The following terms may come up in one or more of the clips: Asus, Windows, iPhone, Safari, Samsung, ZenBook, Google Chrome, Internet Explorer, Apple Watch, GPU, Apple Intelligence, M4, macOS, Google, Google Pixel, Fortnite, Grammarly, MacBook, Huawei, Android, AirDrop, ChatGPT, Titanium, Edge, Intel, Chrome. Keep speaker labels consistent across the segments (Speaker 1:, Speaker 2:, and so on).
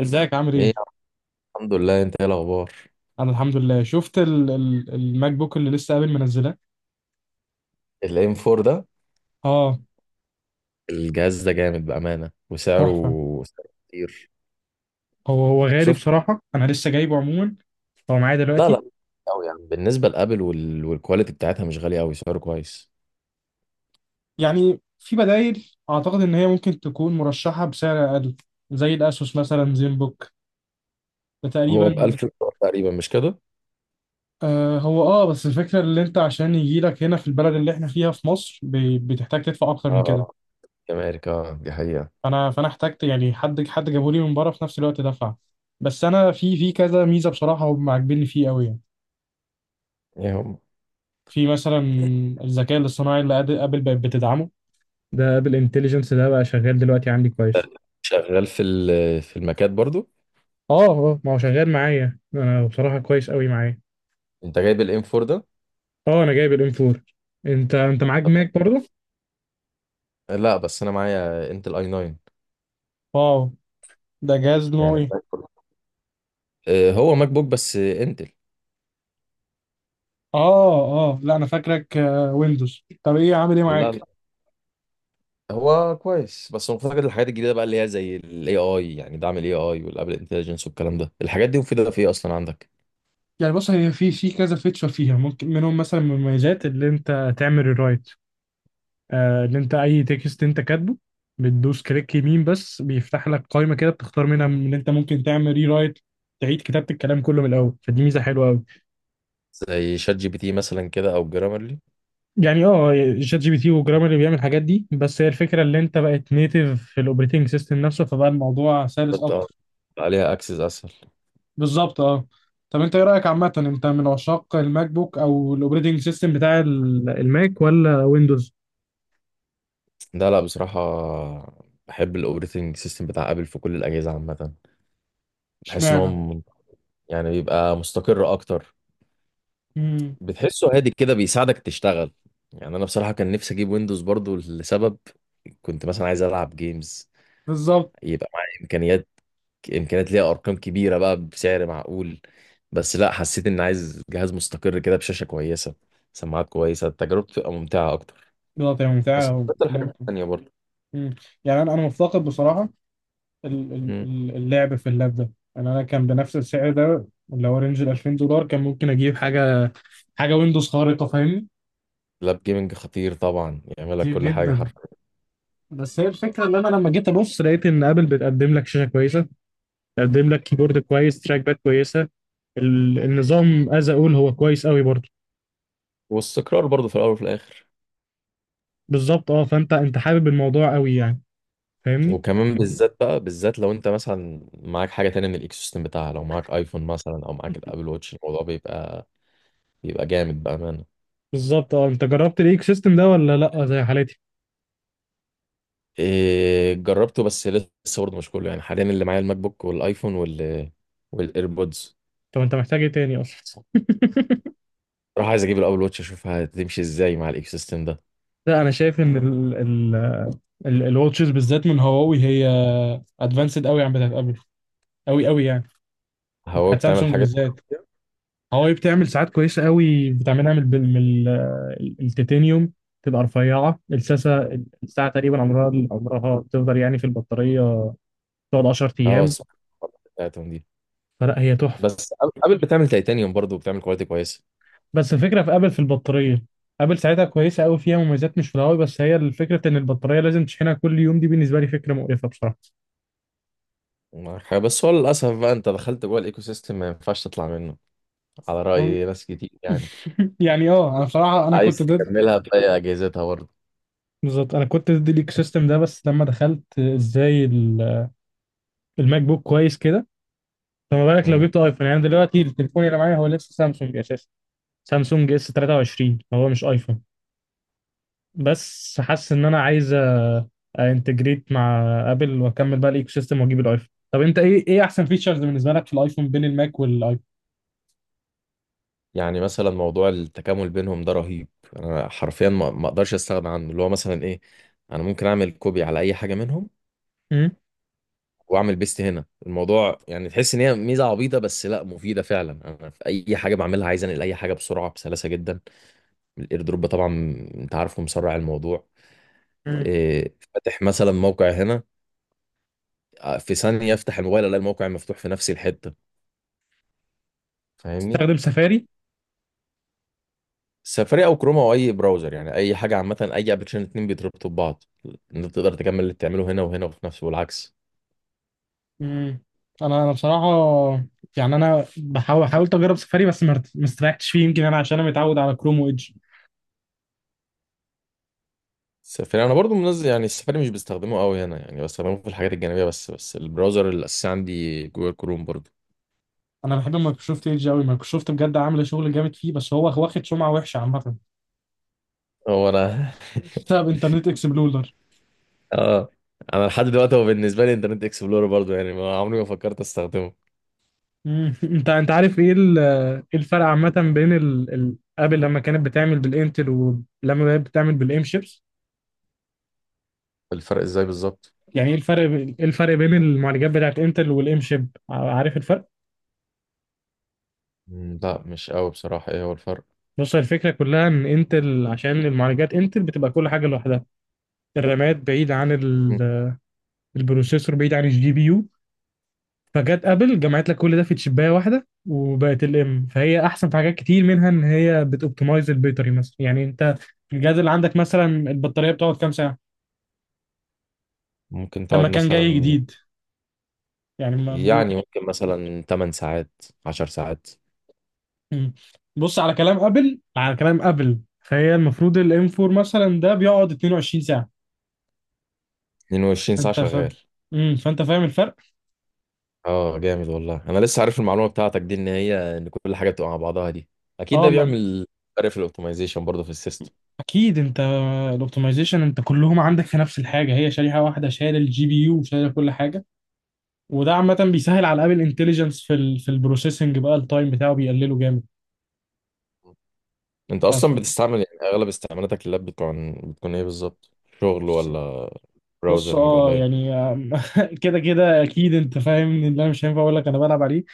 Speaker 1: ازيك عامل
Speaker 2: ايه.
Speaker 1: ايه؟
Speaker 2: الحمد لله، انت ايه الاخبار؟
Speaker 1: انا الحمد لله شفت ال الماك بوك اللي لسه قابل منزلاه.
Speaker 2: الام 4 ده
Speaker 1: اه،
Speaker 2: الجهاز ده جامد بامانه، وسعره
Speaker 1: تحفة.
Speaker 2: سعره كتير.
Speaker 1: هو غالي
Speaker 2: شفت.
Speaker 1: بصراحة، انا لسه جايبه عموما. هو معايا
Speaker 2: لا
Speaker 1: دلوقتي.
Speaker 2: لا قوي يعني بالنسبه لابل وال... والكواليتي بتاعتها مش غاليه قوي، سعره كويس.
Speaker 1: يعني في بدايل اعتقد ان هي ممكن تكون مرشحة بسعر اقل، زي الاسوس مثلا زين بوك، ده
Speaker 2: هو ب
Speaker 1: تقريبا.
Speaker 2: 1000 دولار تقريبا مش كده؟
Speaker 1: هو بس الفكرة اللي انت عشان يجي لك هنا في البلد اللي احنا فيها في مصر بتحتاج تدفع اكتر من كده.
Speaker 2: اه كاميريكا آه، دي حقيقه.
Speaker 1: فانا احتجت يعني حد جابولي من بره في نفس الوقت دفع. بس انا في كذا ميزة بصراحة هم عاجبيني فيه قوي.
Speaker 2: ايه هم؟
Speaker 1: في مثلا الذكاء الاصطناعي ابل بقت بتدعمه. ده ابل انتليجنس ده بقى شغال دلوقتي عندي كويس.
Speaker 2: شغال في ال... في المكات برضو؟
Speaker 1: اه، اه، ما هو شغال معايا انا بصراحة كويس قوي معايا.
Speaker 2: انت جايب الام 4 ده؟
Speaker 1: اه، انا جايب الام 4. انت معاك ماك برضه؟
Speaker 2: لا، بس انا معايا انتل اي 9.
Speaker 1: واو. ده جهاز نوعه
Speaker 2: يعني
Speaker 1: ايه؟
Speaker 2: آه، هو ماك بوك بس انتل.
Speaker 1: اه. اه، لا، انا فاكرك ويندوز، طب ايه عامل ايه
Speaker 2: لا
Speaker 1: معاك؟
Speaker 2: لا، هو كويس بس مفتقد الحاجات الجديده بقى اللي هي زي الاي اي، يعني دعم الاي اي والابل انتليجنس والكلام ده. الحاجات دي مفيده في ايه اصلا عندك؟
Speaker 1: يعني بص، هي في كذا فيتشر فيها، ممكن منهم مثلا من المميزات اللي انت تعمل الرايت، اللي انت اي تكست انت كاتبه، بتدوس كليك يمين، بس بيفتح لك قائمه كده بتختار منها من اللي انت ممكن تعمل ري رايت، تعيد كتابه الكلام كله من الاول، فدي ميزه حلوه قوي.
Speaker 2: زي شات جي بي تي مثلا كده او جرامرلي.
Speaker 1: يعني اه، شات جي بي تي وجرامر بيعمل الحاجات دي، بس هي الفكره اللي انت بقت نيتيف في الاوبريتنج سيستم نفسه، فبقى الموضوع سلس
Speaker 2: بتبقى
Speaker 1: اكتر.
Speaker 2: عليها اكسس اسهل.
Speaker 1: بالظبط، اه. طب انت ايه رايك عامه، انت من عشاق الماك بوك او الاوبريتنج سيستم بتاع الماك ولا ويندوز؟
Speaker 2: لا لا بصراحه، بحب الاوبريتنج سيستم بتاع ابل في كل الاجهزه عامه. بحس ان هو
Speaker 1: اشمعنى؟
Speaker 2: يعني بيبقى مستقر اكتر،
Speaker 1: امم.
Speaker 2: بتحسه هادي كده، بيساعدك تشتغل. يعني انا بصراحه كان نفسي اجيب ويندوز برضو لسبب، كنت مثلا عايز العب جيمز،
Speaker 1: بالظبط.
Speaker 2: يبقى معايا امكانيات، امكانيات ليها ارقام كبيره بقى بسعر معقول. بس لا، حسيت ان عايز جهاز مستقر كده، بشاشه كويسه، سماعات كويسه، تجربته تبقى ممتعه اكتر.
Speaker 1: بالظبط، هي
Speaker 2: بس
Speaker 1: ممتعه.
Speaker 2: اكتر حاجه تانية برضه.
Speaker 1: مم. يعني انا مفتقد بصراحه
Speaker 2: مم.
Speaker 1: اللعب في اللاب ده. انا كان بنفس السعر ده، اللي هو رينج ال $2000، كان ممكن اجيب حاجه ويندوز خارقه، فاهمني؟
Speaker 2: لاب جيمنج خطير طبعا، يعمل لك
Speaker 1: كتير
Speaker 2: كل حاجه
Speaker 1: جدا.
Speaker 2: حرفيا.
Speaker 1: بس هي الفكره ان انا لما جيت ابص لقيت ان ابل بتقدم لك شاشه كويسه، بتقدم لك كيبورد كويس، تراك باد كويسه، النظام از اقول هو كويس قوي برضه.
Speaker 2: واستقرار برضه في الاول وفي الاخر.
Speaker 1: بالظبط اه، فانت حابب الموضوع قوي يعني، فاهمني؟
Speaker 2: وكمان بالذات بقى، بالذات لو انت مثلا معاك حاجه تانية من الايكو سيستم بتاعها، لو معاك ايفون مثلا او معاك الابل واتش، الموضوع بيبقى جامد بامانه.
Speaker 1: بالظبط اه، انت جربت الايك سيستم ده ولا لا زي حالتي؟
Speaker 2: إيه، جربته بس لسه برضه مش كله، يعني حاليا اللي معايا الماك بوك والايفون وال والايربودز.
Speaker 1: طب انت محتاج ايه تاني اصلا؟
Speaker 2: راح عايز اجيب الابل واتش اشوفها هتمشي ازاي مع الايكو سيستم ده.
Speaker 1: لا، انا شايف ان ال الواتشز بالذات من هواوي هي ادفانسد قوي عن بتاعت ابل، قوي قوي يعني.
Speaker 2: هواوي
Speaker 1: وبتاعت
Speaker 2: بتعمل
Speaker 1: سامسونج
Speaker 2: حاجات.
Speaker 1: بالذات. هواوي بتعمل ساعات كويسه قوي، بتعملها التيتانيوم، تبقى رفيعه، الساعه تقريبا عمرها، بتفضل يعني في البطاريه، تقعد 10
Speaker 2: اه
Speaker 1: ايام،
Speaker 2: اسمع، بتاعتهم دي
Speaker 1: فلا هي تحفه.
Speaker 2: بس. ابل بتعمل تيتانيوم برضه وبتعمل كواليتي كويسه.
Speaker 1: بس الفكره في ابل في البطاريه، ابل ساعتها كويسه قوي، فيها مميزات مش في الهواوي، بس هي الفكره ان البطاريه لازم تشحنها كل يوم، دي بالنسبه لي فكره مقرفه بصراحه.
Speaker 2: معاك حاجة. بس هو للاسف بقى، انت دخلت جوه الايكو سيستم، ما ينفعش تطلع منه، على
Speaker 1: مم.
Speaker 2: راي ناس كتير يعني.
Speaker 1: يعني انا بصراحه انا
Speaker 2: عايز
Speaker 1: كنت ضد.
Speaker 2: تكملها باقي اجهزتها برضه.
Speaker 1: بالظبط، انا كنت ضد الايكو سيستم ده، بس لما دخلت ازاي الماك بوك، كويس كده. فما بالك لو
Speaker 2: مم.
Speaker 1: جبت ايفون؟ يعني دلوقتي التليفون اللي معايا هو لسه سامسونج اساسا. سامسونج اس 23، هو مش ايفون، بس حاسس ان انا عايز انتجريت مع ابل، واكمل بقى الايكو سيستم واجيب الايفون. طب انت ايه احسن فيتشرز بالنسبه لك في الايفون، بين الماك والايفون؟
Speaker 2: يعني مثلا موضوع التكامل بينهم ده رهيب، انا حرفيا ما اقدرش استغنى عنه. اللي هو مثلا ايه، انا ممكن اعمل كوبي على اي حاجه منهم،
Speaker 1: امم.
Speaker 2: واعمل بيست هنا. الموضوع يعني تحس ان هي ميزه عبيطه بس لا مفيده فعلا. انا في اي حاجه بعملها عايز انقل اي حاجه بسرعه بسلاسه جدا. الاير دروب طبعا، انت عارفه مسرع الموضوع.
Speaker 1: أمم.
Speaker 2: إيه، فاتح مثلا موقع هنا، آه، في ثانيه افتح الموبايل الاقي الموقع مفتوح في نفس الحته. فاهمني.
Speaker 1: تستخدم سفاري؟
Speaker 2: سفاري او كروما او اي براوزر، يعني اي حاجه عامه. اي ابلكيشن اتنين بيتربطوا ببعض، انت تقدر تكمل اللي بتعمله هنا وهنا وفي نفسه والعكس.
Speaker 1: امم. انا بصراحه يعني انا بحاول، حاولت اجرب سفاري بس ما استريحتش فيه، يمكن انا عشان انا متعود على كروم وايدج.
Speaker 2: السفاري انا برضو منزل، يعني السفاري مش بستخدمه قوي هنا، يعني بستخدمه في الحاجات الجانبيه بس، البراوزر الاساسي عندي جوجل كروم برضو.
Speaker 1: انا بحب مايكروسوفت ايدج قوي، مايكروسوفت بجد عامله شغل جامد فيه، بس هو واخد سمعه وحشه عامه
Speaker 2: هو انا.
Speaker 1: بسبب انترنت اكسبلورر.
Speaker 2: اه، انا لحد دلوقتي هو بالنسبه لي انترنت اكسبلورر برضو، يعني ما عمري ما فكرت استخدمه.
Speaker 1: مم. انت عارف ايه ايه الفرق عامة بين ابل لما كانت بتعمل بالانتل ولما بقت بتعمل بالام شيبس؟
Speaker 2: الفرق ازاي بالظبط؟
Speaker 1: يعني ايه الفرق ايه الفرق بين المعالجات بتاعت انتل والام شيب؟ عارف الفرق؟
Speaker 2: مم، لا مش قوي بصراحه، ايه هو الفرق؟
Speaker 1: بص، الفكرة كلها ان انتل، عشان المعالجات انتل بتبقى كل حاجة لوحدها، الرامات بعيد عن
Speaker 2: مم.
Speaker 1: البروسيسور، بعيد عن الجي بي يو، فجت ابل جمعت لك كل ده في تشبايه واحده وبقت الام، فهي احسن في حاجات كتير، منها ان هي بتوبتمايز البيطري مثلا. يعني انت الجهاز اللي عندك مثلا، البطاريه بتقعد كام ساعه
Speaker 2: ممكن تقعد
Speaker 1: لما كان جاي
Speaker 2: مثلا،
Speaker 1: جديد؟ يعني ممكن.
Speaker 2: يعني ممكن مثلا 8 ساعات 10 ساعات.
Speaker 1: مم. بص، على كلام ابل، فهي المفروض الام 4 مثلا ده بيقعد 22 ساعه،
Speaker 2: 22 ساعه
Speaker 1: انت
Speaker 2: شغال؟
Speaker 1: فاهم؟ فانت فاهم الفرق.
Speaker 2: اه جامد والله، انا لسه عارف المعلومه بتاعتك دي، ان هي ان كل حاجه بتبقى مع بعضها دي اكيد
Speaker 1: اه،
Speaker 2: ده
Speaker 1: ما...
Speaker 2: بيعمل فرق في الاوبتمايزيشن برضه في السيستم.
Speaker 1: اكيد انت، الاوبتمايزيشن انت كلهم عندك في نفس الحاجه، هي شريحه واحده شايله الجي بي يو وشايله كل حاجه، وده عامة بيسهل على ابل انتليجنس، في ال في البروسيسنج بقى التايم بتاعه بيقلله جامد.
Speaker 2: انت
Speaker 1: ف
Speaker 2: اصلا
Speaker 1: ف-
Speaker 2: بتستعمل يعني اغلب استعمالاتك اللاب بتكون ايه بالظبط؟ شغل، ولا
Speaker 1: بص،
Speaker 2: براوزرنج، ولا ايه؟
Speaker 1: يعني كده كده اكيد انت فاهم ان انا مش هينفع اقول لك انا بلعب عليه.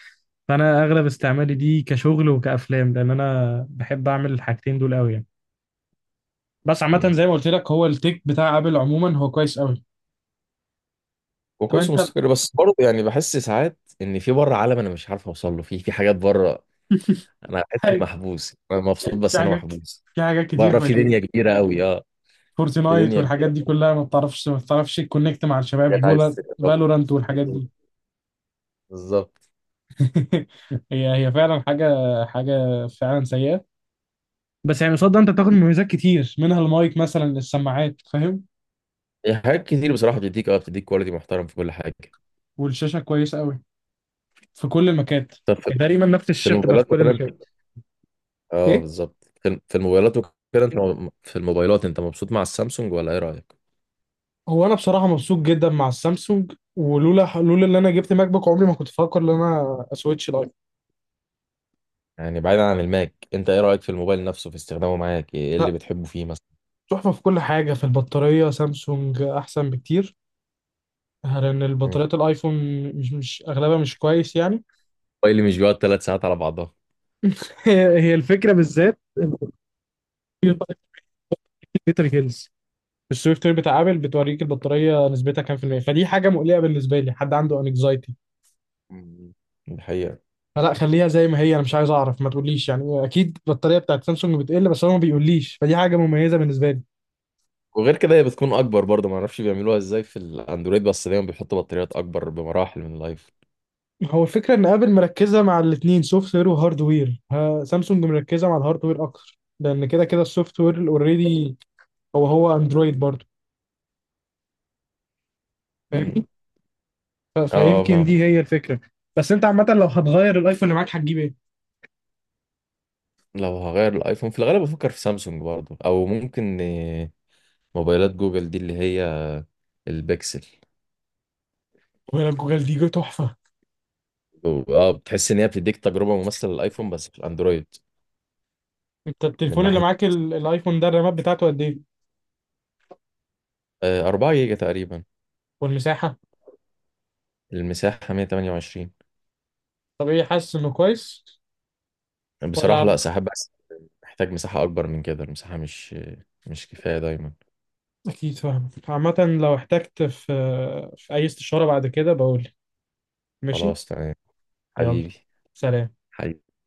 Speaker 1: فانا اغلب استعمالي دي كشغل وكافلام، لان انا بحب اعمل الحاجتين دول قوي يعني. بس عامة
Speaker 2: مم.
Speaker 1: زي ما قلت لك، هو التيك بتاع ابل عموما هو كويس قوي. طب
Speaker 2: وكويس
Speaker 1: انت.
Speaker 2: ومستقر، بس برضه يعني بحس ساعات ان في بره عالم انا مش عارف اوصل له، في حاجات بره. انا بحس اني
Speaker 1: حي-
Speaker 2: محبوس، انا مبسوط
Speaker 1: في
Speaker 2: بس انا
Speaker 1: حاجات،
Speaker 2: محبوس.
Speaker 1: في حاجات كتير
Speaker 2: بره في دنيا
Speaker 1: فايتين.
Speaker 2: كبيره قوي، اه. في
Speaker 1: فورتنايت
Speaker 2: دنيا
Speaker 1: والحاجات
Speaker 2: كبيره،
Speaker 1: دي كلها، ما بتعرفش تكونكت مع الشباب.
Speaker 2: حاجات عايز تجربها.
Speaker 1: فالورانت والحاجات دي.
Speaker 2: بالظبط.
Speaker 1: هي فعلا حاجة فعلا سيئة. بس يعني قصاد ده انت بتاخد مميزات كتير، منها المايك مثلا للسماعات، فاهم؟
Speaker 2: هي حاجات كتير بصراحة، بتديك اه بتديك كواليتي محترم في كل حاجة.
Speaker 1: والشاشة كويسة قوي في كل المكات،
Speaker 2: طب في،
Speaker 1: تقريبا نفس
Speaker 2: في
Speaker 1: الشاشة بتبقى في
Speaker 2: الموبايلات
Speaker 1: كل المكان.
Speaker 2: مثلا؟ اه
Speaker 1: ايه.
Speaker 2: بالظبط، في في الموبايلات وكده. انت في الموبايلات انت مبسوط مع السامسونج ولا ايه رأيك؟
Speaker 1: هو انا بصراحة مبسوط جدا مع السامسونج، ولولا ان انا جبت ماك بوك عمري ما كنت افكر ان انا اسويتش لايف.
Speaker 2: يعني بعيدا عن الماك، انت ايه رأيك في الموبايل نفسه، في استخدامه معاك، ايه اللي
Speaker 1: لا،
Speaker 2: بتحبه فيه مثلا؟
Speaker 1: تحفة في كل حاجة. في البطارية سامسونج احسن بكتير، لان
Speaker 2: مم.
Speaker 1: البطاريات الايفون مش اغلبها مش كويس يعني.
Speaker 2: موبايل مش بيقعد 3 ساعات على بعضها.
Speaker 1: هي الفكرة، بالذات البطارية بتاعت بيتر هيلز، السوفت وير بتاع ابل بتوريك البطاريه نسبتها كام في الميه، فدي حاجه مقلقه بالنسبه لي، حد عنده انكزايتي.
Speaker 2: مم. دي حقيقة.
Speaker 1: فلا، خليها زي ما هي، انا مش عايز اعرف، ما تقوليش يعني. اكيد البطاريه بتاعت سامسونج بتقل، بس هو ما بيقوليش، فدي حاجه مميزه بالنسبه لي.
Speaker 2: وغير كده هي بتكون اكبر برضه، ما اعرفش بيعملوها ازاي في الاندرويد، بس دايما بيحطوا بطاريات اكبر بمراحل من الايفون.
Speaker 1: هو الفكره ان ابل مركزه مع الاثنين، سوفت وير وهاردوير، سامسونج مركزه مع الهاردوير اكتر، لان كده كده السوفت وير اوريدي هو اندرويد برضه،
Speaker 2: مم.
Speaker 1: فاهمني؟
Speaker 2: اه
Speaker 1: فيمكن
Speaker 2: فاهم.
Speaker 1: دي هي الفكره. بس انت عامه لو هتغير الايفون اللي معاك هتجيب ايه؟
Speaker 2: لو هغير الايفون في الغالب بفكر في سامسونج برضه، او ممكن موبايلات جوجل دي اللي هي البيكسل.
Speaker 1: ولا جوجل دي جو تحفه.
Speaker 2: اه، بتحس ان هي بتديك تجربه ممثله للايفون بس في الاندرويد.
Speaker 1: انت
Speaker 2: من
Speaker 1: التليفون اللي
Speaker 2: ناحيه،
Speaker 1: معاك الايفون ده الرامات بتاعته قد ايه؟
Speaker 2: آه، 4 جيجا تقريبا.
Speaker 1: والمساحة؟
Speaker 2: المساحه 128.
Speaker 1: طب ايه، حاسس انه كويس
Speaker 2: بصراحه
Speaker 1: ولا؟
Speaker 2: لا، ساعات بس محتاج مساحه اكبر من كده، المساحه مش كفايه دايما.
Speaker 1: اكيد، فاهم عامة. لو احتجت في اي استشارة بعد كده بقول. ماشي.
Speaker 2: خلاص تمام.
Speaker 1: يلا.
Speaker 2: حبيبي.
Speaker 1: سلام.
Speaker 2: حبيبي.